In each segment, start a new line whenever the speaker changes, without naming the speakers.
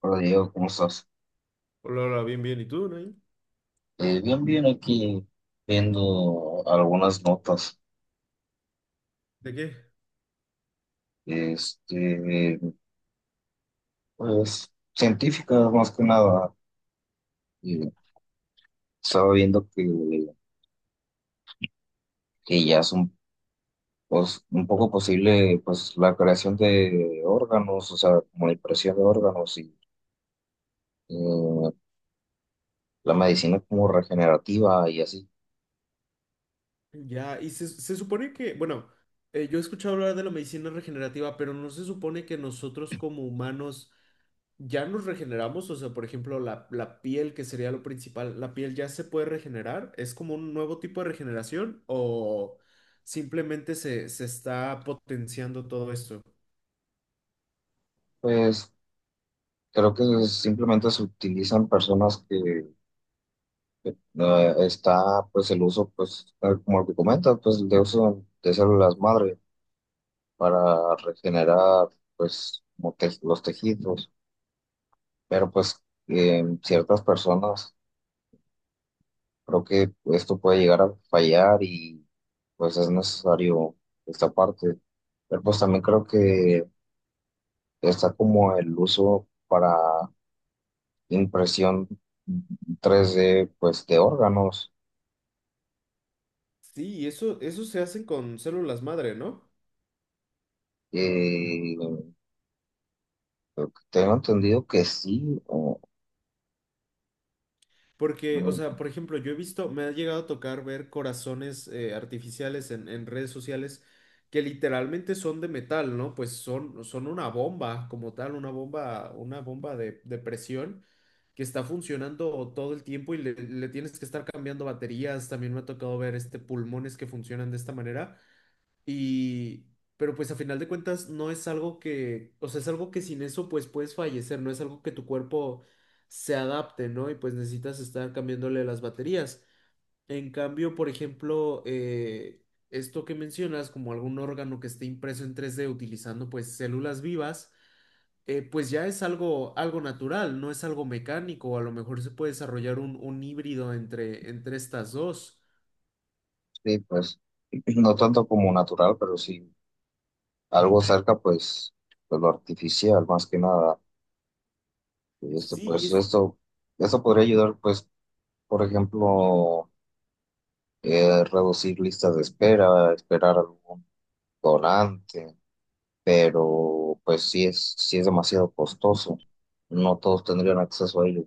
Hola Diego, ¿cómo estás?
Hola, hola, bien, bien. ¿Y tú, Nain?
Bien, bien, aquí viendo algunas notas,
¿De qué?
este, pues científicas más que nada. Eh, Estaba viendo que ya es un poco posible pues la creación de órganos, o sea, como la impresión de órganos y eh, la medicina como regenerativa y así.
Ya, y se supone que, bueno, yo he escuchado hablar de la medicina regenerativa, pero no se supone que nosotros como humanos ya nos regeneramos, o sea, por ejemplo, la piel, que sería lo principal, ¿la piel ya se puede regenerar? ¿Es como un nuevo tipo de regeneración o simplemente se está potenciando todo esto?
Pues creo que simplemente se utilizan personas. No, está pues el uso, pues tal como lo que comentas, pues de uso de células madre para regenerar pues como los tejidos, pero pues en ciertas personas creo que esto puede llegar a fallar y pues es necesario esta parte, pero pues también creo que está como el uso para impresión 3D pues de órganos.
Sí, y eso se hacen con células madre, ¿no?
Eh, Tengo entendido que sí.
Porque, o
Mm.
sea, por ejemplo, yo he visto, me ha llegado a tocar ver corazones artificiales en redes sociales que literalmente son de metal, ¿no? Pues son, son una bomba como tal, una bomba de presión que está funcionando todo el tiempo y le tienes que estar cambiando baterías. También me ha tocado ver este pulmones que funcionan de esta manera. Y, pero pues a final de cuentas no es algo que, o sea, es algo que sin eso pues puedes fallecer, no es algo que tu cuerpo se adapte, ¿no? Y pues necesitas estar cambiándole las baterías. En cambio, por ejemplo, esto que mencionas, como algún órgano que esté impreso en tres d utilizando pues células vivas, pues ya es algo, algo natural, no es algo mecánico, a lo mejor se puede desarrollar un híbrido entre, entre estas dos.
Sí, pues no tanto como natural, pero sí algo cerca, pues, de lo artificial, más que nada. Y
Sí, y
pues
es,
esto podría ayudar, pues, por ejemplo, reducir listas de espera, esperar algún donante, pero pues sí es demasiado costoso. No todos tendrían acceso a ello.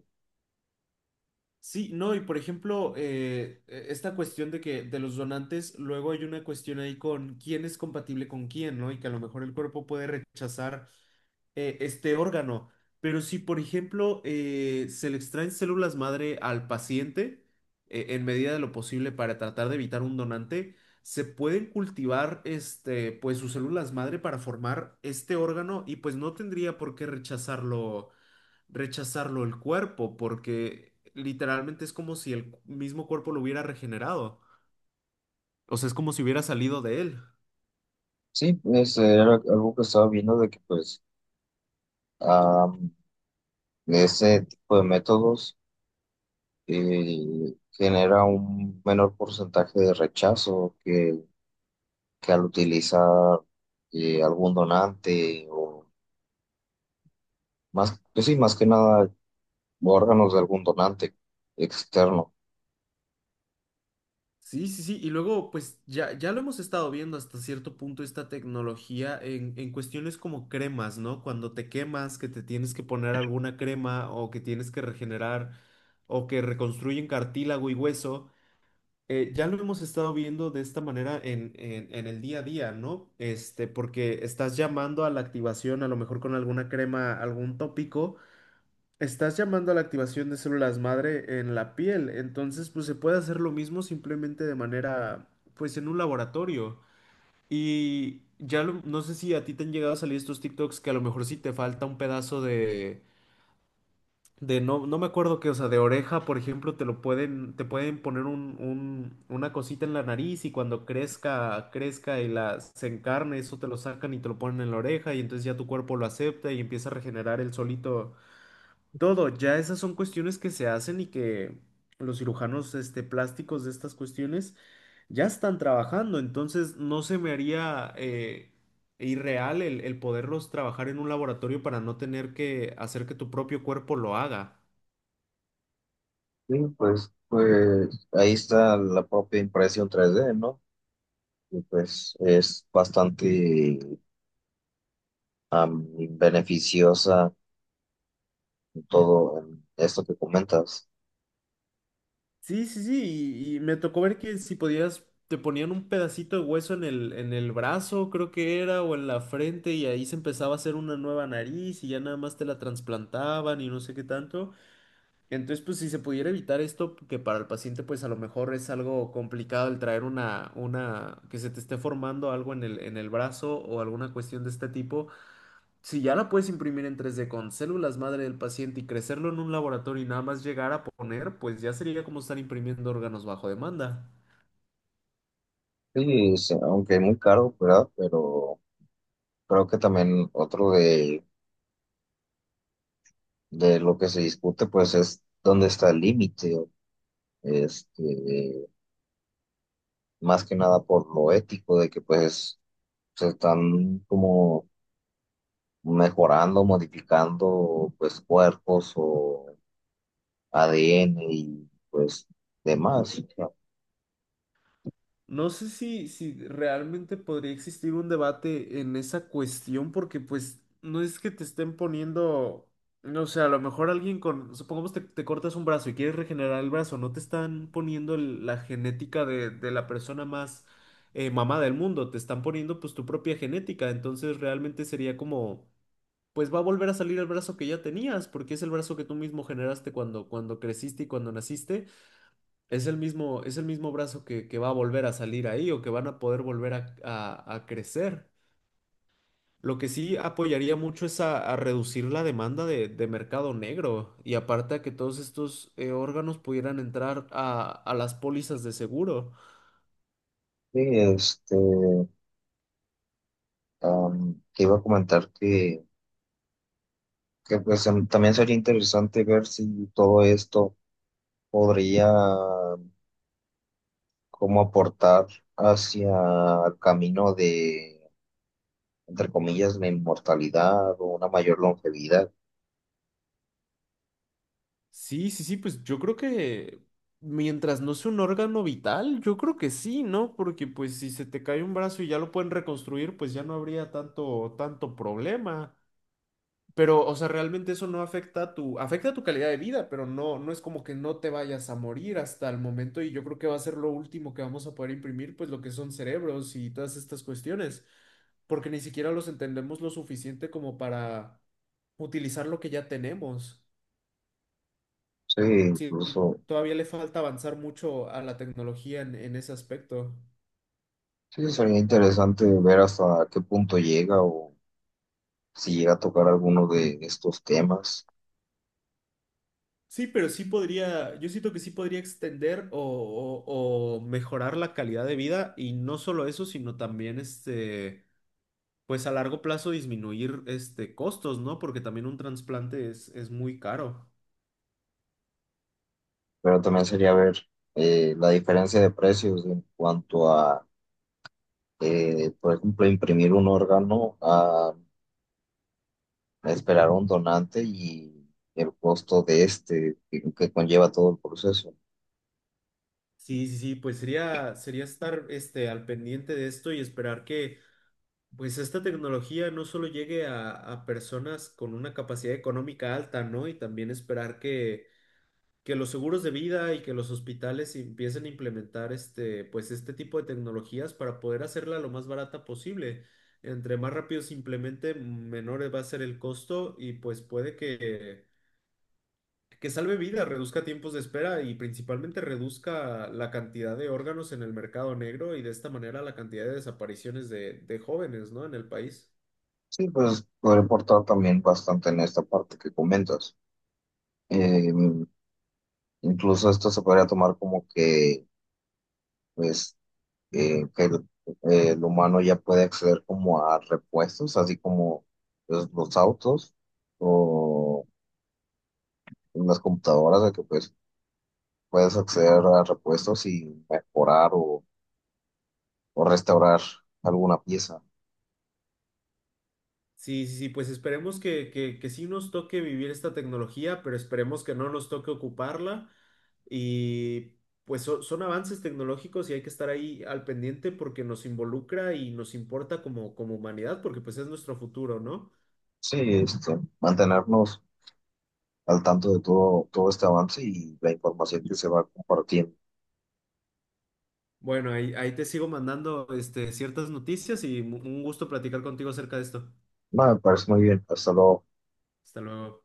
sí, no, y por ejemplo, esta cuestión de que de los donantes, luego hay una cuestión ahí con quién es compatible con quién, ¿no? Y que a lo mejor el cuerpo puede rechazar este órgano. Pero si, por ejemplo, se le extraen células madre al paciente, en medida de lo posible para tratar de evitar un donante, se pueden cultivar este, pues sus células madre para formar este órgano y pues no tendría por qué rechazarlo el cuerpo, porque literalmente es como si el mismo cuerpo lo hubiera regenerado. O sea, es como si hubiera salido de él.
Sí, ese era algo que estaba viendo de que pues ah, ese tipo de métodos, genera un menor porcentaje de rechazo que al utilizar algún donante o más, pues sí, más que nada órganos de algún donante externo.
Sí, sí, sí. Y luego, pues ya, ya lo hemos estado viendo hasta cierto punto esta tecnología en cuestiones como cremas, ¿no? Cuando te quemas, que te tienes que poner alguna crema o que tienes que regenerar o que reconstruyen cartílago y hueso. Ya lo hemos estado viendo de esta manera en, en el día a día, ¿no? Este, porque estás llamando a la activación, a lo mejor con alguna crema, algún tópico, estás llamando a la activación de células madre en la piel. Entonces, pues se puede hacer lo mismo simplemente de manera, pues en un laboratorio. Y ya no sé si a ti te han llegado a salir estos TikToks que a lo mejor sí te falta un pedazo de no, no me acuerdo qué, o sea, de oreja, por ejemplo, te lo pueden, te pueden poner un, una cosita en la nariz y cuando crezca, crezca y la, se encarne, eso te lo sacan y te lo ponen en la oreja y entonces ya tu cuerpo lo acepta y empieza a regenerar el solito todo. Ya esas son cuestiones que se hacen y que los cirujanos, este, plásticos de estas cuestiones ya están trabajando, entonces no se me haría irreal el poderlos trabajar en un laboratorio para no tener que hacer que tu propio cuerpo lo haga.
Sí, pues ahí está la propia impresión tres d, ¿no? Y pues es bastante am, beneficiosa en todo en esto que comentas.
Sí, sí, sí, y me tocó ver que si podías, te ponían un pedacito de hueso en el brazo, creo que era, o en la frente, y ahí se empezaba a hacer una nueva nariz, y ya nada más te la trasplantaban y no sé qué tanto. Entonces, pues si se pudiera evitar esto, que para el paciente, pues a lo mejor es algo complicado el traer una, que se te esté formando algo en el brazo o alguna cuestión de este tipo. Si ya la puedes imprimir en 3D con células madre del paciente y crecerlo en un laboratorio y nada más llegar a poner, pues ya sería como estar imprimiendo órganos bajo demanda.
Sí, aunque muy caro, ¿verdad? Pero creo que también otro de lo que se discute, pues es dónde está el límite, este, más que nada por lo ético de que pues se están como mejorando, modificando pues cuerpos o ADN y pues demás.
No sé si, si realmente podría existir un debate en esa cuestión, porque pues no es que te estén poniendo, no sé, a lo mejor alguien con, supongamos te, te cortas un brazo y quieres regenerar el brazo, no te están poniendo la genética de la persona más mamada del mundo, te están poniendo pues tu propia genética, entonces realmente sería como pues va a volver a salir el brazo que ya tenías, porque es el brazo que tú mismo generaste cuando, cuando creciste y cuando naciste, es el mismo brazo que va a volver a salir ahí o que van a poder volver a, a crecer. Lo que sí apoyaría mucho es a reducir la demanda de mercado negro y aparte a que todos estos órganos pudieran entrar a las pólizas de seguro.
Sí, te iba a comentar que pues también sería interesante ver si todo esto podría como aportar hacia el camino de, entre comillas, la inmortalidad o una mayor longevidad.
Sí, sí, sí, pues yo creo que mientras no sea un órgano vital, yo creo que sí, ¿no? Porque pues si se te cae un brazo y ya lo pueden reconstruir, pues ya no habría tanto, tanto problema. Pero, o sea, realmente eso no afecta a tu, afecta a tu calidad de vida, pero no, no es como que no te vayas a morir hasta el momento y yo creo que va a ser lo último que vamos a poder imprimir, pues lo que son cerebros y todas estas cuestiones, porque ni siquiera los entendemos lo suficiente como para utilizar lo que ya tenemos.
Sí,
Sí,
incluso,
todavía le falta avanzar mucho a la tecnología en ese aspecto.
sí, sería interesante ver hasta qué punto llega o si llega a tocar alguno de estos temas,
Sí, pero sí podría, yo siento que sí podría extender o, o mejorar la calidad de vida y no solo eso, sino también este, pues a largo plazo disminuir este costos, ¿no? Porque también un trasplante es muy caro.
pero también sería ver la diferencia de precios en cuanto a, por ejemplo, imprimir un órgano a esperar a un donante y el costo de este que conlleva todo el proceso.
Sí, sí, sí, pues sería, sería estar este, al pendiente de esto y esperar que pues esta tecnología no solo llegue a personas con una capacidad económica alta, ¿no? Y también esperar que los seguros de vida y que los hospitales empiecen a implementar este, pues este tipo de tecnologías para poder hacerla lo más barata posible. Entre más rápido se implemente, menor va a ser el costo y pues puede que salve vidas, reduzca tiempos de espera y principalmente reduzca la cantidad de órganos en el mercado negro y de esta manera la cantidad de desapariciones de jóvenes, ¿no? En el país.
Sí, pues podría aportar también bastante en esta parte que comentas. Eh, Incluso esto se podría tomar como que, pues, que el humano ya puede acceder como a repuestos, así como pues, los autos o las computadoras, de que pues puedes acceder a repuestos y mejorar o, restaurar alguna pieza.
Sí, sí, sí, pues esperemos que sí nos toque vivir esta tecnología, pero esperemos que no nos toque ocuparla. Y pues son avances tecnológicos y hay que estar ahí al pendiente porque nos involucra y nos importa como, como humanidad, porque pues es nuestro futuro, ¿no?
Sí, mantenernos al tanto de todo, todo este avance y la información que se va compartiendo.
Bueno, ahí, ahí te sigo mandando este, ciertas noticias y un gusto platicar contigo acerca de esto.
No, me parece muy bien. Hasta luego.
Hasta luego.